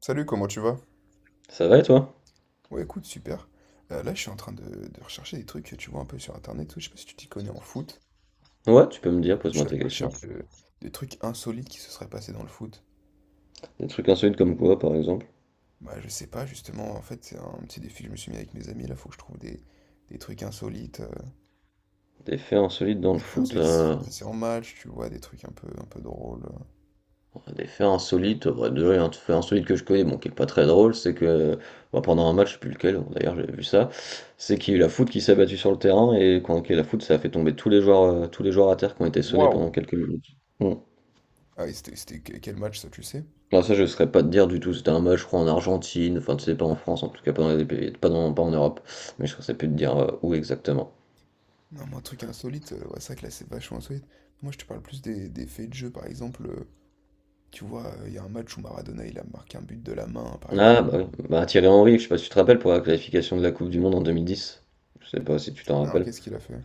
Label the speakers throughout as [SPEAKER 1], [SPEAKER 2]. [SPEAKER 1] Salut, comment tu vas?
[SPEAKER 2] Ça va et toi?
[SPEAKER 1] Ouais, écoute, super. Là, je suis en train de rechercher des trucs, tu vois, un peu sur Internet, tout. Je sais pas si tu t'y connais en foot.
[SPEAKER 2] Ouais, tu peux me dire,
[SPEAKER 1] En fait, je
[SPEAKER 2] pose-moi
[SPEAKER 1] suis à
[SPEAKER 2] tes
[SPEAKER 1] la
[SPEAKER 2] questions.
[SPEAKER 1] recherche de trucs insolites qui se seraient passés dans le foot.
[SPEAKER 2] Des trucs insolites comme quoi, par exemple?
[SPEAKER 1] Bah, je sais pas, justement, en fait, c'est un petit défi que je me suis mis avec mes amis. Là, faut que je trouve des trucs insolites,
[SPEAKER 2] Des faits insolites dans le
[SPEAKER 1] des faits
[SPEAKER 2] foot?
[SPEAKER 1] insolites qui se sont passés en match, tu vois, des trucs un peu drôles.
[SPEAKER 2] Des faits insolites, bah, déjà, il y a un fait insolite que je connais, bon, qui est pas très drôle, c'est que bah, pendant un match, je sais plus lequel, d'ailleurs, j'avais vu ça, c'est qu'il y a eu la foot qui s'est battue sur le terrain, et quand il y a eu la foot, ça a fait tomber tous les joueurs à terre qui ont été sonnés pendant
[SPEAKER 1] Waouh!
[SPEAKER 2] quelques minutes. Bon.
[SPEAKER 1] Ah, et quel match, ça, tu sais?
[SPEAKER 2] Là, ça, je ne saurais pas te dire du tout. C'était un match, je crois, en Argentine, enfin, tu sais, pas en France, en tout cas, pas dans les pays, pas en Europe. Mais je ne saurais plus te dire où exactement.
[SPEAKER 1] Non, moi, truc insolite, ouais, c'est vrai que là, c'est vachement insolite. Moi, je te parle plus des faits de jeu, par exemple. Tu vois, il y a un match où Maradona, il a marqué un but de la main, par
[SPEAKER 2] Ah
[SPEAKER 1] exemple.
[SPEAKER 2] bah oui, bah Thierry Henry, je sais pas si tu te rappelles pour la qualification de la Coupe du Monde en 2010. Je sais pas si tu t'en
[SPEAKER 1] Non,
[SPEAKER 2] rappelles.
[SPEAKER 1] qu'est-ce qu'il a fait?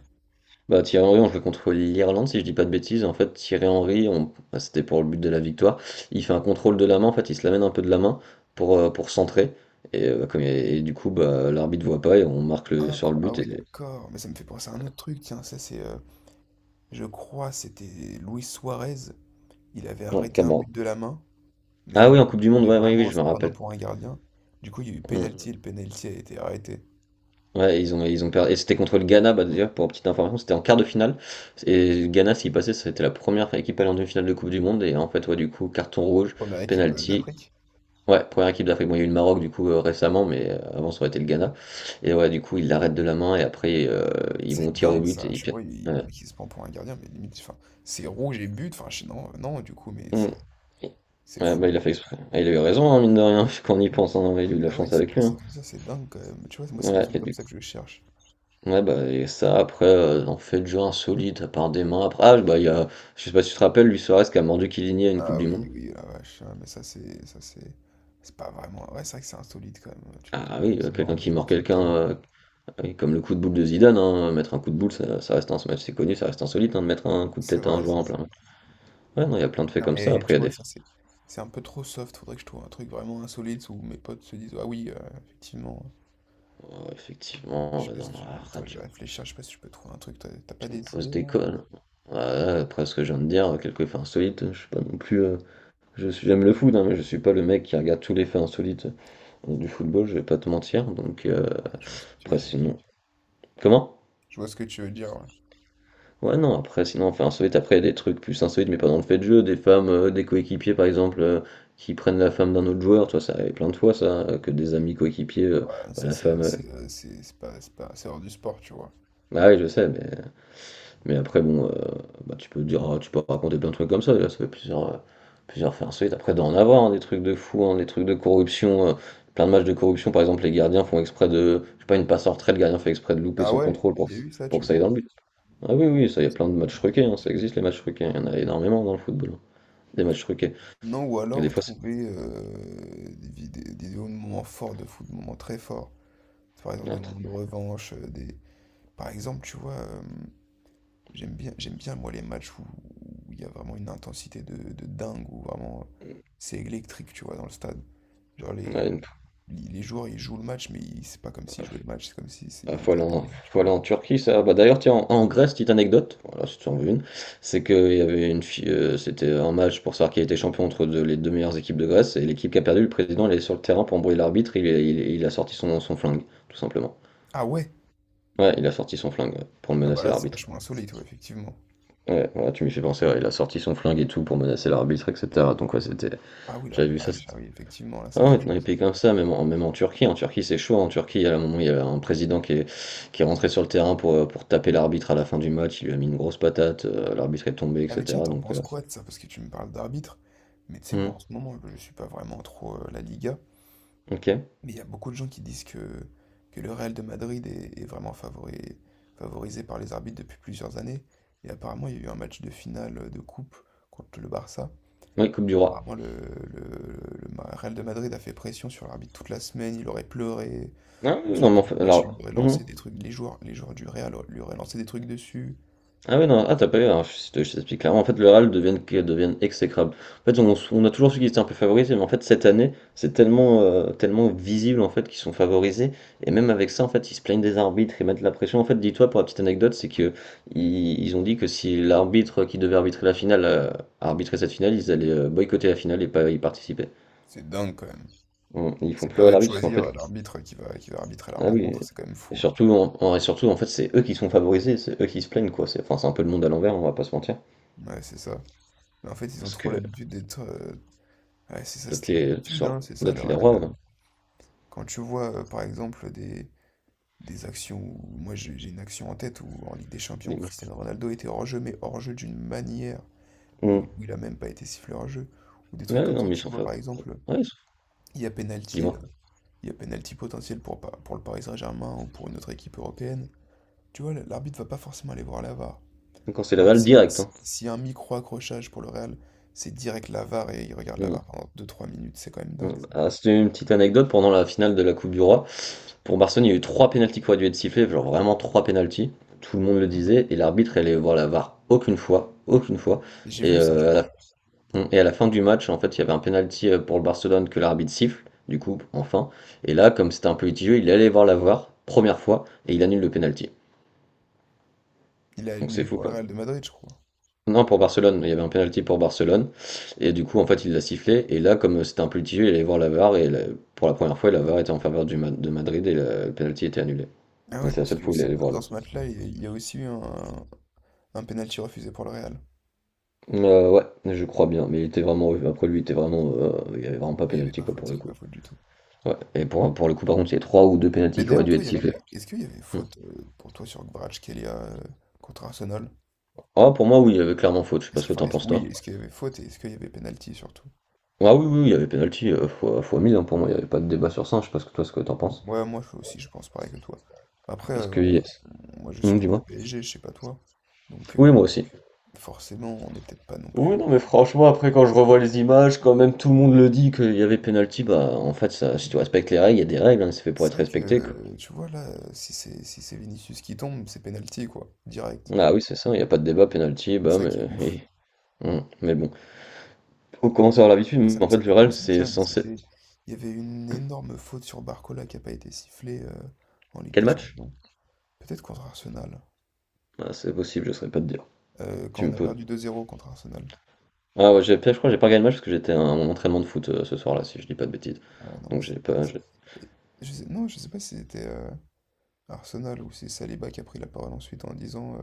[SPEAKER 2] Bah Thierry Henry, on jouait contre l'Irlande si je dis pas de bêtises. En fait, Thierry Henry, on... bah, c'était pour le but de la victoire. Il fait un contrôle de la main, en fait, il se l'amène un peu de la main pour centrer. Et, bah, comme et du coup, bah, l'arbitre voit pas et on marque le... sur le
[SPEAKER 1] Ah
[SPEAKER 2] but
[SPEAKER 1] oui,
[SPEAKER 2] et.
[SPEAKER 1] d'accord. Mais ça me fait penser à un autre truc. Tiens, ça, c'est. Je crois, c'était Luis Suarez. Il avait
[SPEAKER 2] Non,
[SPEAKER 1] arrêté un but
[SPEAKER 2] Cameroun.
[SPEAKER 1] de la main, mais
[SPEAKER 2] Ah oui,
[SPEAKER 1] vraiment,
[SPEAKER 2] en Coupe du Monde,
[SPEAKER 1] mais
[SPEAKER 2] ouais, ouais oui,
[SPEAKER 1] vraiment en
[SPEAKER 2] je
[SPEAKER 1] se
[SPEAKER 2] me
[SPEAKER 1] prenant
[SPEAKER 2] rappelle.
[SPEAKER 1] pour un gardien. Du coup, il y a eu
[SPEAKER 2] Hmm.
[SPEAKER 1] penalty et le penalty a été arrêté.
[SPEAKER 2] Ouais, ils ont perdu. Et c'était contre le Ghana, bah, d'ailleurs, pour petite information, c'était en quart de finale. Et le Ghana, s'il passait, c'était la première équipe à aller en demi-finale de Coupe du Monde. Et en fait, ouais, du coup, carton rouge,
[SPEAKER 1] Première équipe
[SPEAKER 2] penalty.
[SPEAKER 1] d'Afrique.
[SPEAKER 2] Ouais, première équipe d'Afrique. Bon, il y a eu le Maroc, du coup, récemment, mais avant, ça aurait été le Ghana. Et ouais, du coup, ils l'arrêtent de la main et après, ils vont
[SPEAKER 1] C'est
[SPEAKER 2] tirer au
[SPEAKER 1] dingue,
[SPEAKER 2] but
[SPEAKER 1] ça.
[SPEAKER 2] et ils
[SPEAKER 1] Tu
[SPEAKER 2] perdent.
[SPEAKER 1] vois, il,
[SPEAKER 2] Ouais.
[SPEAKER 1] le mec, il se prend pour un gardien, mais limite, enfin, c'est rouge et but. Enfin, non, non, du coup, mais c'est
[SPEAKER 2] Mm.
[SPEAKER 1] c'est
[SPEAKER 2] Ouais,
[SPEAKER 1] fou.
[SPEAKER 2] bah, il a fait exprès. Ah, il a eu raison, hein, mine de rien, quand on y pense. Hein. Ouais, il a eu de la
[SPEAKER 1] Ah ouais, ils
[SPEAKER 2] chance
[SPEAKER 1] sont
[SPEAKER 2] avec lui.
[SPEAKER 1] passés
[SPEAKER 2] Hein.
[SPEAKER 1] comme ça, c'est dingue quand même. Tu vois, moi, c'est des
[SPEAKER 2] Ouais,
[SPEAKER 1] trucs
[SPEAKER 2] et
[SPEAKER 1] comme
[SPEAKER 2] du
[SPEAKER 1] ça que je cherche.
[SPEAKER 2] Ouais, bah, et ça, après, en fait, jeu insolite, à part des mains, après ah, bah, il y a je sais pas si tu te rappelles, Luis Suarez qui a mordu Chiellini à une coupe
[SPEAKER 1] Ah
[SPEAKER 2] du
[SPEAKER 1] oui,
[SPEAKER 2] monde?
[SPEAKER 1] oui, la vache, ah, mais ça c'est pas vraiment. Ouais, c'est vrai que c'est insolite quand même. Tu te dis
[SPEAKER 2] Ah
[SPEAKER 1] mais
[SPEAKER 2] oui,
[SPEAKER 1] qui mord
[SPEAKER 2] quelqu'un
[SPEAKER 1] les
[SPEAKER 2] qui mord
[SPEAKER 1] joueurs sur le
[SPEAKER 2] quelqu'un,
[SPEAKER 1] terrain. Moi.
[SPEAKER 2] heu, oui, comme le coup de boule de Zidane, hein, mettre un coup de boule, ça ça reste ins c'est connu, ça reste insolite, hein, de mettre un coup de
[SPEAKER 1] C'est
[SPEAKER 2] tête à un
[SPEAKER 1] vrai,
[SPEAKER 2] joueur
[SPEAKER 1] c'est
[SPEAKER 2] en plein
[SPEAKER 1] vrai.
[SPEAKER 2] match. Ouais, non, il y a plein de faits
[SPEAKER 1] Non
[SPEAKER 2] comme ça,
[SPEAKER 1] mais
[SPEAKER 2] après
[SPEAKER 1] tu
[SPEAKER 2] il y
[SPEAKER 1] vois,
[SPEAKER 2] a des
[SPEAKER 1] ça c'est un peu trop soft. Faudrait que je trouve un truc vraiment insolite où mes potes se disent ah oui, effectivement.
[SPEAKER 2] oh,
[SPEAKER 1] Je
[SPEAKER 2] effectivement,
[SPEAKER 1] sais pas si tu. Attends, je
[SPEAKER 2] tu
[SPEAKER 1] vais réfléchir, je sais pas si je peux trouver un truc. T'as pas
[SPEAKER 2] tu me
[SPEAKER 1] des
[SPEAKER 2] poses
[SPEAKER 1] idées
[SPEAKER 2] des
[SPEAKER 1] là?
[SPEAKER 2] cols. Ouais, après ce que je viens de dire, quelques faits insolites, je suis pas non plus, je suis j'aime le foot, hein, mais je suis pas le mec qui regarde tous les faits insolites, du football, je vais pas te mentir,
[SPEAKER 1] Ouais, je vois ce que tu
[SPEAKER 2] Après,
[SPEAKER 1] veux dire.
[SPEAKER 2] sinon. Comment?
[SPEAKER 1] Je vois ce que tu veux dire, ouais.
[SPEAKER 2] Ouais, non, après, sinon, enfin, insolite, après, il y a des trucs plus insolites, mais pas dans le fait de jeu. Des femmes, des coéquipiers, par exemple, qui prennent la femme d'un autre joueur, tu vois, ça arrive plein de fois, ça, que des amis coéquipiers,
[SPEAKER 1] Ouais,
[SPEAKER 2] bah,
[SPEAKER 1] ça
[SPEAKER 2] la
[SPEAKER 1] c'est
[SPEAKER 2] femme.
[SPEAKER 1] c'est euh, c'est c'est pas c'est pas c'est hors du sport, tu vois.
[SPEAKER 2] Ah oui, je sais, mais après, bon, bah, tu peux dire, ah, tu peux raconter plein de trucs comme ça, là, ça fait plusieurs faits insolites. Après, d'en avoir, hein, des trucs de fou, hein, des trucs de corruption, plein de matchs de corruption, par exemple, les gardiens font exprès de. Je sais pas, une passe en retrait, le gardien fait exprès de louper
[SPEAKER 1] Ah
[SPEAKER 2] son
[SPEAKER 1] ouais?
[SPEAKER 2] contrôle pour
[SPEAKER 1] Il
[SPEAKER 2] que,
[SPEAKER 1] y a eu ça,
[SPEAKER 2] pour
[SPEAKER 1] tu
[SPEAKER 2] que ça aille
[SPEAKER 1] vois?
[SPEAKER 2] dans le but. Ah oui, oui, ça, il
[SPEAKER 1] Ah,
[SPEAKER 2] y a
[SPEAKER 1] ça
[SPEAKER 2] plein de
[SPEAKER 1] doit
[SPEAKER 2] matchs
[SPEAKER 1] dingue,
[SPEAKER 2] truqués,
[SPEAKER 1] quoi.
[SPEAKER 2] hein, ça existe les matchs truqués, il y en a énormément dans le football, hein, des matchs truqués.
[SPEAKER 1] Non, ou
[SPEAKER 2] Et des
[SPEAKER 1] alors
[SPEAKER 2] fois, c'est...
[SPEAKER 1] trouver des vidéos de moments forts de foot, de moments très forts. Par exemple, des
[SPEAKER 2] Notre-
[SPEAKER 1] moments de revanche. Par exemple, tu vois, j'aime bien, moi, les matchs où il y a vraiment une intensité de dingue, où vraiment c'est électrique, tu vois, dans le stade. Genre, les,
[SPEAKER 2] ouais,
[SPEAKER 1] les les joueurs, ils jouent le match, mais c'est pas comme s'ils jouaient le match, c'est comme s'ils ils
[SPEAKER 2] faut
[SPEAKER 1] étaient
[SPEAKER 2] aller
[SPEAKER 1] à la
[SPEAKER 2] en,
[SPEAKER 1] guerre, tu
[SPEAKER 2] faut aller
[SPEAKER 1] vois.
[SPEAKER 2] en Turquie, ça. Bah, d'ailleurs, tiens, en Grèce, petite anecdote, voilà, si tu en veux une, c'est qu'il y avait une fille, c'était un match pour savoir qui était champion les deux meilleures équipes de Grèce, et l'équipe qui a perdu, le président, il est sur le terrain pour embrouiller l'arbitre, il a sorti son flingue, tout simplement.
[SPEAKER 1] Ah ouais?
[SPEAKER 2] Ouais, il a sorti son flingue, ouais, pour
[SPEAKER 1] Ah bah
[SPEAKER 2] menacer
[SPEAKER 1] là, c'est
[SPEAKER 2] l'arbitre.
[SPEAKER 1] vachement insolite, ouais, effectivement.
[SPEAKER 2] Ouais, voilà, tu m'y fais penser, ouais, il a sorti son flingue et tout pour menacer l'arbitre, etc. Donc, ouais, c'était.
[SPEAKER 1] Ah oui, la
[SPEAKER 2] J'avais vu ça.
[SPEAKER 1] vache, ah oui, effectivement, là, c'est
[SPEAKER 2] Ah ouais,
[SPEAKER 1] quelque
[SPEAKER 2] dans les
[SPEAKER 1] chose.
[SPEAKER 2] pays comme ça, même en Turquie, en Turquie c'est chaud, en Turquie à un moment il y a un président qui est, rentré sur le terrain pour taper l'arbitre à la fin du match, il lui a mis une grosse patate, l'arbitre est tombé,
[SPEAKER 1] Ah mais tiens,
[SPEAKER 2] etc.
[SPEAKER 1] t'en
[SPEAKER 2] Donc,
[SPEAKER 1] penses quoi de ça? Parce que tu me parles d'arbitre. Mais tu sais, moi
[SPEAKER 2] hmm,
[SPEAKER 1] en ce moment, je suis pas vraiment trop la Liga.
[SPEAKER 2] ok.
[SPEAKER 1] Mais il y a beaucoup de gens qui disent que le Real de Madrid est vraiment favorisé par les arbitres depuis plusieurs années. Et apparemment, il y a eu un match de finale de coupe contre le Barça.
[SPEAKER 2] Oui, Coupe du Roi.
[SPEAKER 1] Apparemment, le Real de Madrid a fait pression sur l'arbitre toute la semaine. Il aurait pleuré.
[SPEAKER 2] Ah, oui, non,
[SPEAKER 1] Ensuite,
[SPEAKER 2] mais en
[SPEAKER 1] pendant le
[SPEAKER 2] fait,
[SPEAKER 1] match, il lui
[SPEAKER 2] alors,
[SPEAKER 1] aurait
[SPEAKER 2] hmm.
[SPEAKER 1] lancé des trucs. Les joueurs du Real lui auraient lancé des trucs dessus.
[SPEAKER 2] Ah ouais, non, ah t'as pas eu, alors, je t'explique clairement, en fait le RAL deviennent exécrables. En fait on a toujours su qu'ils étaient un peu favorisés, mais en fait cette année c'est tellement visible en fait qu'ils sont favorisés, et même avec ça en fait ils se plaignent des arbitres, ils mettent la pression. En fait dis-toi pour la petite anecdote, c'est que ils ont dit que si l'arbitre qui devait arbitrer la finale arbitrait cette finale, ils allaient boycotter la finale et pas y participer.
[SPEAKER 1] C'est dingue quand même.
[SPEAKER 2] Bon, ils font
[SPEAKER 1] C'est pas à
[SPEAKER 2] pleurer
[SPEAKER 1] eux de
[SPEAKER 2] l'arbitre parce qu'en fait,
[SPEAKER 1] choisir l'arbitre qui va arbitrer la
[SPEAKER 2] ah oui,
[SPEAKER 1] rencontre, c'est quand même fou.
[SPEAKER 2] et surtout en fait c'est eux qui sont favorisés, c'est eux qui se plaignent, quoi, c'est enfin, c'est un peu le monde à l'envers, on va pas se mentir.
[SPEAKER 1] Ouais, c'est ça. Mais en fait, ils ont
[SPEAKER 2] Parce
[SPEAKER 1] trop
[SPEAKER 2] que
[SPEAKER 1] l'habitude d'être. Ouais, c'est ça, c'était une habitude, hein, c'est ça,
[SPEAKER 2] D'être
[SPEAKER 1] le
[SPEAKER 2] les rois,
[SPEAKER 1] Real.
[SPEAKER 2] ouais.
[SPEAKER 1] Quand tu vois, par exemple, des actions où. Moi, j'ai une action en tête où, en Ligue des Champions, où
[SPEAKER 2] Dis-moi.
[SPEAKER 1] Cristiano Ronaldo était hors-jeu, mais hors-jeu d'une manière, et où,
[SPEAKER 2] Mm.
[SPEAKER 1] où il a même pas été sifflé hors-jeu. Ou des trucs
[SPEAKER 2] Ouais,
[SPEAKER 1] comme
[SPEAKER 2] non,
[SPEAKER 1] ça,
[SPEAKER 2] mais ils
[SPEAKER 1] tu
[SPEAKER 2] sont
[SPEAKER 1] vois, par
[SPEAKER 2] favoris.
[SPEAKER 1] exemple,
[SPEAKER 2] Ouais,
[SPEAKER 1] il y a penalty,
[SPEAKER 2] dis-moi.
[SPEAKER 1] il y a penalty potentiel pour le Paris Saint-Germain ou pour une autre équipe européenne. Tu vois, l'arbitre va pas forcément aller voir la VAR.
[SPEAKER 2] Quand c'est
[SPEAKER 1] Alors,
[SPEAKER 2] Laval, direct. Hein.
[SPEAKER 1] S'il y a un micro-accrochage pour le Real, c'est direct la VAR et il regarde la
[SPEAKER 2] Mm.
[SPEAKER 1] VAR pendant deux trois minutes, c'est quand même
[SPEAKER 2] Mm.
[SPEAKER 1] dingue, ça.
[SPEAKER 2] Ah, c'était une petite anecdote pendant la finale de la Coupe du Roi. Pour Barcelone, il y a eu trois pénaltys qui auraient dû être sifflés, genre vraiment trois pénaltys. Tout le monde le disait, et l'arbitre allait voir la VAR aucune fois, aucune fois.
[SPEAKER 1] Et j'ai
[SPEAKER 2] Et,
[SPEAKER 1] vu ça, je crois.
[SPEAKER 2] à la fin du match, en fait, il y avait un pénalty pour le Barcelone que l'arbitre siffle, du coup, enfin. Et là, comme c'était un peu litigieux, il allait voir la VAR, première fois, et il annule le pénalty.
[SPEAKER 1] Il a
[SPEAKER 2] Donc c'est
[SPEAKER 1] annulé
[SPEAKER 2] fou,
[SPEAKER 1] pour le
[SPEAKER 2] quoi.
[SPEAKER 1] Real de Madrid, je crois.
[SPEAKER 2] Non, pour Barcelone, il y avait un penalty pour Barcelone. Et du coup, en fait, il l'a sifflé. Et là, comme c'était un petit jeu, il allait voir la VAR. Et pour la première fois, la VAR était en faveur du de Madrid et le penalty était annulé.
[SPEAKER 1] Ah
[SPEAKER 2] Et
[SPEAKER 1] ouais,
[SPEAKER 2] c'est la
[SPEAKER 1] parce
[SPEAKER 2] seule
[SPEAKER 1] que
[SPEAKER 2] fois où il
[SPEAKER 1] aussi,
[SPEAKER 2] allait voir
[SPEAKER 1] dans
[SPEAKER 2] là.
[SPEAKER 1] ce match-là, il y a aussi eu un penalty refusé pour le Real.
[SPEAKER 2] Ouais, je crois bien. Mais il était vraiment. Après lui, il était vraiment. Il n'y avait vraiment pas
[SPEAKER 1] Ouais, il n'y avait
[SPEAKER 2] penalty,
[SPEAKER 1] pas
[SPEAKER 2] quoi,
[SPEAKER 1] faute,
[SPEAKER 2] pour
[SPEAKER 1] il n'y
[SPEAKER 2] le
[SPEAKER 1] avait pas
[SPEAKER 2] coup.
[SPEAKER 1] faute du tout.
[SPEAKER 2] Ouais. Et pour le coup, par contre, il y a trois ou deux penalties
[SPEAKER 1] Mais
[SPEAKER 2] qui auraient
[SPEAKER 1] d'ailleurs,
[SPEAKER 2] dû
[SPEAKER 1] toi,
[SPEAKER 2] être sifflés.
[SPEAKER 1] est-ce qu'il y avait
[SPEAKER 2] Hmm.
[SPEAKER 1] faute pour toi sur Kvaratskhelia contre Arsenal?
[SPEAKER 2] Ah, pour moi, oui, il y avait clairement faute. Je sais pas ce que
[SPEAKER 1] Enfin,
[SPEAKER 2] t'en penses,
[SPEAKER 1] oui,
[SPEAKER 2] toi.
[SPEAKER 1] est-ce qu'il y avait faute et est-ce qu'il y avait penalty surtout?
[SPEAKER 2] Ah oui, oui, oui, il y avait penalty fois 1000. Hein, pour moi, il n'y avait pas de débat sur ça. Je sais pas ce que toi, ce que t'en penses.
[SPEAKER 1] Ouais, moi aussi, je pense pareil que toi. Après,
[SPEAKER 2] Parce que, yes.
[SPEAKER 1] moi je
[SPEAKER 2] Hmm,
[SPEAKER 1] supporte le
[SPEAKER 2] dis-moi.
[SPEAKER 1] PSG, je sais pas toi. Donc
[SPEAKER 2] Oui, moi aussi.
[SPEAKER 1] forcément, on n'est peut-être pas non
[SPEAKER 2] Oui,
[SPEAKER 1] plus.
[SPEAKER 2] non, mais franchement, après, quand je revois les images, quand même tout le monde le dit qu'il y avait penalty, bah, en fait, ça, si tu respectes les règles, il y a des règles, hein, c'est fait pour
[SPEAKER 1] C'est
[SPEAKER 2] être
[SPEAKER 1] vrai que,
[SPEAKER 2] respecté, quoi.
[SPEAKER 1] tu vois, là, si c'est Vinicius qui tombe, c'est penalty, quoi, direct.
[SPEAKER 2] Ah oui, c'est ça, il n'y a pas de débat, penalty, bah,
[SPEAKER 1] Ça qui est
[SPEAKER 2] mais,
[SPEAKER 1] ouf.
[SPEAKER 2] eh, mais bon. Faut commencer à avoir l'habitude,
[SPEAKER 1] Ça,
[SPEAKER 2] mais en fait,
[SPEAKER 1] ça me fait
[SPEAKER 2] le Real,
[SPEAKER 1] penser,
[SPEAKER 2] c'est
[SPEAKER 1] tiens,
[SPEAKER 2] censé.
[SPEAKER 1] il y avait une énorme faute sur Barcola qui a pas été sifflée en Ligue
[SPEAKER 2] Quel
[SPEAKER 1] des
[SPEAKER 2] match?
[SPEAKER 1] Champions. Peut-être contre Arsenal.
[SPEAKER 2] Ah, c'est possible, je ne saurais pas te dire.
[SPEAKER 1] Quand
[SPEAKER 2] Tu
[SPEAKER 1] on
[SPEAKER 2] me
[SPEAKER 1] a
[SPEAKER 2] poses.
[SPEAKER 1] perdu 2-0 contre Arsenal.
[SPEAKER 2] Ah ouais, je crois que j'ai pas gagné le match parce que j'étais à mon entraînement de foot ce soir-là, si je dis pas de bêtises.
[SPEAKER 1] Ah ouais, non, mais
[SPEAKER 2] Donc
[SPEAKER 1] c'est
[SPEAKER 2] j'ai
[SPEAKER 1] dingue,
[SPEAKER 2] pas.
[SPEAKER 1] ça. Et non, je sais pas si c'était. Arsenal, où c'est Saliba qui a pris la parole ensuite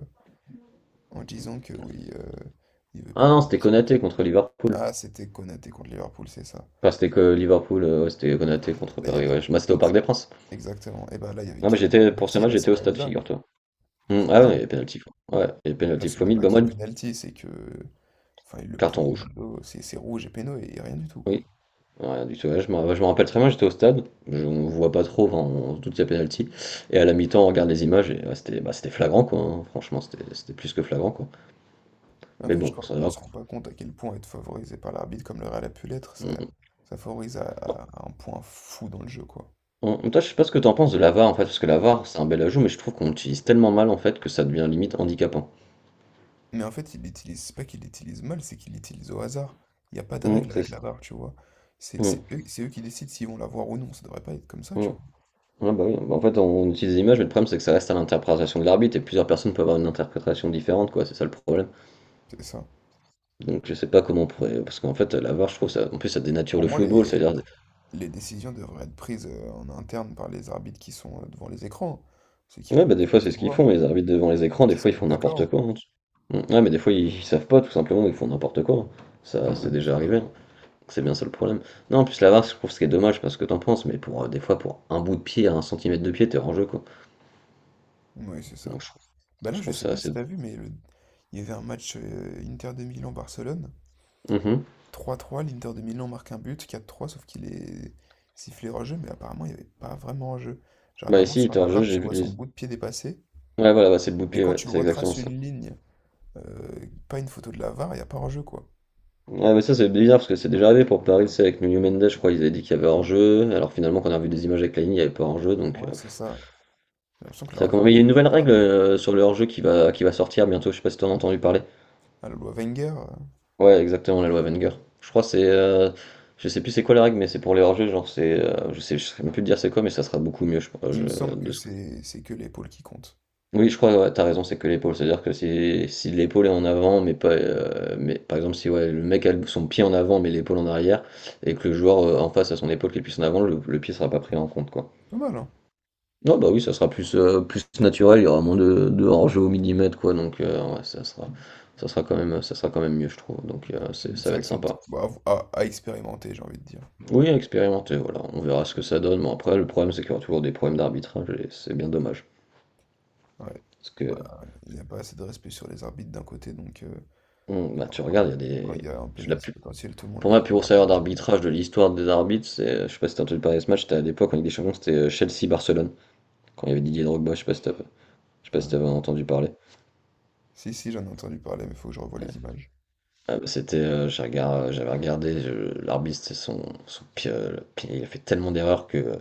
[SPEAKER 1] en disant que oui, il veut pas
[SPEAKER 2] Ah non,
[SPEAKER 1] payer le
[SPEAKER 2] c'était
[SPEAKER 1] silence.
[SPEAKER 2] Konaté contre Liverpool.
[SPEAKER 1] Ah, c'était Konaté contre Liverpool, c'est ça.
[SPEAKER 2] Enfin, c'était que Liverpool, ouais, c'était Konaté contre
[SPEAKER 1] Là, il y
[SPEAKER 2] Paris,
[SPEAKER 1] avait.
[SPEAKER 2] ouais. Bah, c'était au Parc des Princes.
[SPEAKER 1] Exactement. Et bah là, il y avait
[SPEAKER 2] Non, mais
[SPEAKER 1] carrément
[SPEAKER 2] j'étais, pour ce
[SPEAKER 1] penalty,
[SPEAKER 2] match,
[SPEAKER 1] là, c'est
[SPEAKER 2] j'étais au
[SPEAKER 1] quand même
[SPEAKER 2] stade,
[SPEAKER 1] dingue.
[SPEAKER 2] figure-toi. Mmh,
[SPEAKER 1] C'est
[SPEAKER 2] ah ouais,
[SPEAKER 1] dingue.
[SPEAKER 2] il y a pénalty, quoi. Ouais, il y a
[SPEAKER 1] Là,
[SPEAKER 2] pénalty
[SPEAKER 1] c'est
[SPEAKER 2] fois
[SPEAKER 1] même
[SPEAKER 2] 1000,
[SPEAKER 1] pas
[SPEAKER 2] bah
[SPEAKER 1] qu'il y
[SPEAKER 2] moi,
[SPEAKER 1] a penalty, c'est que. Enfin, il le
[SPEAKER 2] carton
[SPEAKER 1] pousse dans
[SPEAKER 2] rouge.
[SPEAKER 1] le dos, c'est rouge et péno et rien du tout, quoi.
[SPEAKER 2] Oui, rien du tout. Ouais, je me rappelle très bien, j'étais au stade, je, on voit pas trop, enfin, on se doute qu'il y a pénalty. Et à la mi-temps, on regarde les images et ouais, c'était bah, c'était flagrant, quoi, hein. Franchement, c'était plus que flagrant, quoi.
[SPEAKER 1] Mais en
[SPEAKER 2] Mais
[SPEAKER 1] fait, je
[SPEAKER 2] bon,
[SPEAKER 1] crois
[SPEAKER 2] c'est
[SPEAKER 1] qu'on
[SPEAKER 2] grave.
[SPEAKER 1] se rend pas compte à quel point être favorisé par l'arbitre comme le Real a pu l'être, ça,
[SPEAKER 2] Mmh.
[SPEAKER 1] ça favorise à un point fou dans le jeu, quoi.
[SPEAKER 2] Toi, je sais pas ce que t'en penses de la VAR, en fait, parce que la VAR, c'est un bel ajout, mais je trouve qu'on l'utilise tellement mal, en fait, que ça devient limite handicapant.
[SPEAKER 1] Mais en fait, il l'utilise, c'est pas qu'il l'utilise mal, c'est qu'il l'utilise au hasard. Il n'y a pas de
[SPEAKER 2] Mmh,
[SPEAKER 1] règle
[SPEAKER 2] c'est
[SPEAKER 1] avec
[SPEAKER 2] ça.
[SPEAKER 1] la barre, tu vois. C'est
[SPEAKER 2] Mmh,
[SPEAKER 1] eux, c'est eux qui décident s'ils vont la voir ou non. Ça devrait pas être comme ça,
[SPEAKER 2] mmh.
[SPEAKER 1] tu vois.
[SPEAKER 2] Ouais, bah oui. Bah, en fait, on utilise les images, mais le problème, c'est que ça reste à l'interprétation de l'arbitre et plusieurs personnes peuvent avoir une interprétation différente, quoi. C'est ça le problème.
[SPEAKER 1] C'est ça.
[SPEAKER 2] Donc je sais pas comment on pourrait. Parce qu'en fait, la VAR, je trouve ça. En plus, ça dénature
[SPEAKER 1] Pour
[SPEAKER 2] le
[SPEAKER 1] moi,
[SPEAKER 2] football.
[SPEAKER 1] les,
[SPEAKER 2] C'est-à-dire.
[SPEAKER 1] les décisions devraient être prises en interne par les arbitres qui sont devant les écrans. Ceux qui,
[SPEAKER 2] Ouais, bah des
[SPEAKER 1] qui
[SPEAKER 2] fois,
[SPEAKER 1] peuvent
[SPEAKER 2] c'est ce
[SPEAKER 1] tout
[SPEAKER 2] qu'ils
[SPEAKER 1] voir,
[SPEAKER 2] font. Les arbitres devant les
[SPEAKER 1] et
[SPEAKER 2] écrans, des
[SPEAKER 1] qui se
[SPEAKER 2] fois, ils
[SPEAKER 1] mettent
[SPEAKER 2] font n'importe
[SPEAKER 1] d'accord.
[SPEAKER 2] quoi, hein. Ouais, mais des fois, ils savent pas, tout simplement, ils font n'importe quoi, hein.
[SPEAKER 1] Mais
[SPEAKER 2] Ça,
[SPEAKER 1] c'est
[SPEAKER 2] c'est
[SPEAKER 1] dingue,
[SPEAKER 2] déjà
[SPEAKER 1] c'est dingue.
[SPEAKER 2] arrivé, hein. C'est bien ça le problème. Non, en plus, la VAR, je trouve ce qui est dommage, parce que t'en penses, mais pour des fois, pour un bout de pied, à un centimètre de pied, t'es hors jeu, quoi.
[SPEAKER 1] Oui, c'est ça.
[SPEAKER 2] Donc,
[SPEAKER 1] Bah
[SPEAKER 2] je
[SPEAKER 1] là, je
[SPEAKER 2] trouve
[SPEAKER 1] sais
[SPEAKER 2] ça
[SPEAKER 1] pas
[SPEAKER 2] assez.
[SPEAKER 1] si t'as vu, mais il y avait un match Inter de Milan-Barcelone.
[SPEAKER 2] Mhm.
[SPEAKER 1] 3-3, l'Inter de Milan marque un but, 4 trois, sauf qu'il est sifflé hors-jeu, mais apparemment il n'y avait pas vraiment hors-jeu. Genre
[SPEAKER 2] Bah,
[SPEAKER 1] apparemment
[SPEAKER 2] ici,
[SPEAKER 1] sur
[SPEAKER 2] t'es
[SPEAKER 1] la
[SPEAKER 2] hors jeu,
[SPEAKER 1] VAR,
[SPEAKER 2] j'ai
[SPEAKER 1] tu
[SPEAKER 2] vu.
[SPEAKER 1] vois son
[SPEAKER 2] Les-
[SPEAKER 1] bout de pied dépasser,
[SPEAKER 2] Ouais, voilà, bah, c'est le bout de
[SPEAKER 1] mais
[SPEAKER 2] pied,
[SPEAKER 1] quand
[SPEAKER 2] ouais,
[SPEAKER 1] tu
[SPEAKER 2] c'est exactement
[SPEAKER 1] retraces
[SPEAKER 2] ça.
[SPEAKER 1] une ligne, pas une photo de la VAR, il n'y a pas hors-jeu quoi.
[SPEAKER 2] Ah, mais ça c'est bizarre parce que c'est déjà arrivé pour Paris, c'est avec Nuno Mendes, je crois, ils avaient dit qu'il y avait hors-jeu, alors finalement quand on a vu des images avec la ligne, il n'y avait pas hors-jeu, donc
[SPEAKER 1] Ouais, c'est ça. J'ai l'impression que la
[SPEAKER 2] ça commence.
[SPEAKER 1] VAR
[SPEAKER 2] Mais il y
[SPEAKER 1] non
[SPEAKER 2] a une
[SPEAKER 1] plus
[SPEAKER 2] nouvelle
[SPEAKER 1] est
[SPEAKER 2] règle
[SPEAKER 1] pas
[SPEAKER 2] sur le hors-jeu qui va sortir bientôt, je sais pas si t'en as entendu parler.
[SPEAKER 1] à la loi Wenger.
[SPEAKER 2] Ouais, exactement, la loi Wenger. Je crois que c'est, je sais plus c'est quoi la règle, mais c'est pour les hors-jeux, genre c'est, je sais même plus te dire c'est quoi, mais ça sera beaucoup mieux, je, crois,
[SPEAKER 1] Il
[SPEAKER 2] je-
[SPEAKER 1] me semble que
[SPEAKER 2] de ce que.
[SPEAKER 1] c'est que l'épaule qui compte.
[SPEAKER 2] Oui, je crois, ouais, t'as raison, c'est que l'épaule. C'est-à-dire que si, si l'épaule est en avant, mais pas, mais par exemple, si ouais, le mec a le- son pied en avant, mais l'épaule en arrière, et que le joueur en face a son épaule qui est plus en avant, le pied sera pas pris en compte, quoi.
[SPEAKER 1] Pas mal, hein.
[SPEAKER 2] Non, bah oui, ça sera plus, plus naturel, il y aura moins de hors-jeu au millimètre, quoi. Donc, ouais, ça sera quand même, ça sera quand même mieux, je trouve. Donc, c'est- ça
[SPEAKER 1] C'est
[SPEAKER 2] va
[SPEAKER 1] vrai
[SPEAKER 2] être
[SPEAKER 1] que c'est
[SPEAKER 2] sympa.
[SPEAKER 1] bah, à expérimenter, j'ai envie de dire.
[SPEAKER 2] Oui, à expérimenter, voilà. On verra ce que ça donne. Mais après, le problème, c'est qu'il y aura toujours des problèmes d'arbitrage, et c'est bien dommage.
[SPEAKER 1] Ouais.
[SPEAKER 2] Parce que,
[SPEAKER 1] Bah, il n'y a pas assez de respect sur les arbitres d'un côté, donc
[SPEAKER 2] on- bah, tu
[SPEAKER 1] quand
[SPEAKER 2] regardes, il y a
[SPEAKER 1] quand il
[SPEAKER 2] des.
[SPEAKER 1] y a un
[SPEAKER 2] La
[SPEAKER 1] penalty potentiel, tout le monde
[SPEAKER 2] Pour
[SPEAKER 1] l'y
[SPEAKER 2] moi, le plus gros
[SPEAKER 1] croit.
[SPEAKER 2] salaire d'arbitrage de l'histoire des arbitres, c'est, je sais pas si t'as entendu parler de ce match, c'était à l'époque en Ligue des Champions, c'était Chelsea-Barcelone, quand il y avait Didier Drogba, je sais pas si t'as- je sais pas si t'avais
[SPEAKER 1] Ah.
[SPEAKER 2] entendu parler.
[SPEAKER 1] Si, si, j'en ai entendu parler, mais faut que je revoie les images.
[SPEAKER 2] Ah bah, c'était, j'ai regard- j'avais regardé, je- l'arbitre, c'était son, son pire, le pire- il a fait tellement d'erreurs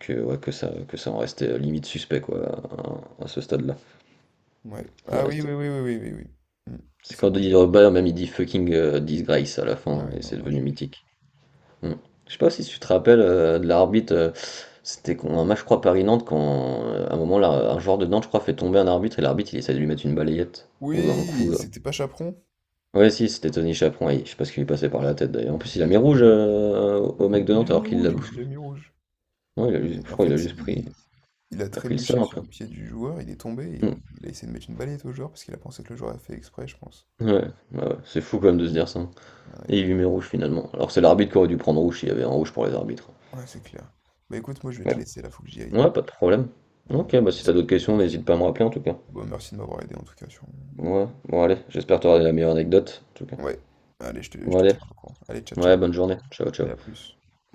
[SPEAKER 2] que, ouais, que ça en restait limite suspect quoi, à ce stade-là.
[SPEAKER 1] Ouais.
[SPEAKER 2] Ça en
[SPEAKER 1] Ah oui,
[SPEAKER 2] restait-
[SPEAKER 1] oui, oui, oui, oui, oui, oui. Hmm.
[SPEAKER 2] C'est
[SPEAKER 1] C'est
[SPEAKER 2] quand
[SPEAKER 1] bon, je
[SPEAKER 2] Didier
[SPEAKER 1] l'ai.
[SPEAKER 2] Drogba, même il dit fucking disgrace à la fin,
[SPEAKER 1] Ouais,
[SPEAKER 2] et
[SPEAKER 1] non,
[SPEAKER 2] c'est
[SPEAKER 1] non, je
[SPEAKER 2] devenu
[SPEAKER 1] l'ai, je l'ai.
[SPEAKER 2] mythique. Mmh. Je sais pas si tu te rappelles, de l'arbitre, c'était con un match je crois Paris-Nantes quand, à un moment là, un joueur de Nantes je crois fait tomber un arbitre et l'arbitre il essaie de lui mettre une balayette ou un
[SPEAKER 1] Oui,
[SPEAKER 2] coup,
[SPEAKER 1] c'était pas Chaperon.
[SPEAKER 2] ouais si c'était Tony Chaperon et je sais pas ce qui lui passait par la tête d'ailleurs. En
[SPEAKER 1] Ah,
[SPEAKER 2] plus
[SPEAKER 1] mais
[SPEAKER 2] il
[SPEAKER 1] il
[SPEAKER 2] a mis
[SPEAKER 1] était
[SPEAKER 2] rouge,
[SPEAKER 1] nul.
[SPEAKER 2] au mec de
[SPEAKER 1] Il
[SPEAKER 2] Nantes
[SPEAKER 1] a
[SPEAKER 2] alors
[SPEAKER 1] mis
[SPEAKER 2] qu'il l'a
[SPEAKER 1] rouge, oui, il
[SPEAKER 2] bousculé.
[SPEAKER 1] a mis rouge.
[SPEAKER 2] Ouais il a juste je
[SPEAKER 1] En
[SPEAKER 2] crois il a
[SPEAKER 1] fait,
[SPEAKER 2] juste pris
[SPEAKER 1] il a
[SPEAKER 2] il a pris le seum
[SPEAKER 1] trébuché
[SPEAKER 2] un
[SPEAKER 1] sur
[SPEAKER 2] peu.
[SPEAKER 1] le pied du joueur, il est tombé,
[SPEAKER 2] Mmh.
[SPEAKER 1] il a essayé de mettre une balayette au joueur parce qu'il a pensé que le joueur a fait exprès, je pense.
[SPEAKER 2] Ouais, ouais, c'est fou quand même de se dire ça, hein,
[SPEAKER 1] Ah, les
[SPEAKER 2] et il
[SPEAKER 1] deux.
[SPEAKER 2] lui met rouge finalement. Alors c'est l'arbitre qui aurait dû prendre rouge s'il y avait un rouge pour les arbitres.
[SPEAKER 1] Ouais, c'est clair. Bah écoute, moi je vais te
[SPEAKER 2] Mais
[SPEAKER 1] laisser là, faut que j'y aille.
[SPEAKER 2] ouais, pas de problème. OK,
[SPEAKER 1] On en
[SPEAKER 2] bah si t'as
[SPEAKER 1] discute
[SPEAKER 2] d'autres
[SPEAKER 1] plus
[SPEAKER 2] questions,
[SPEAKER 1] tard.
[SPEAKER 2] n'hésite pas à me rappeler en tout cas.
[SPEAKER 1] Bon, merci de m'avoir aidé en tout cas sur.
[SPEAKER 2] Ouais, bon allez, j'espère t'avoir la meilleure anecdote, en tout cas.
[SPEAKER 1] Ouais, allez, je te, je
[SPEAKER 2] Bon
[SPEAKER 1] te
[SPEAKER 2] allez,
[SPEAKER 1] tiendrai au courant. Allez, ciao, ciao.
[SPEAKER 2] ouais, bonne journée, ciao
[SPEAKER 1] Allez,
[SPEAKER 2] ciao.
[SPEAKER 1] à plus.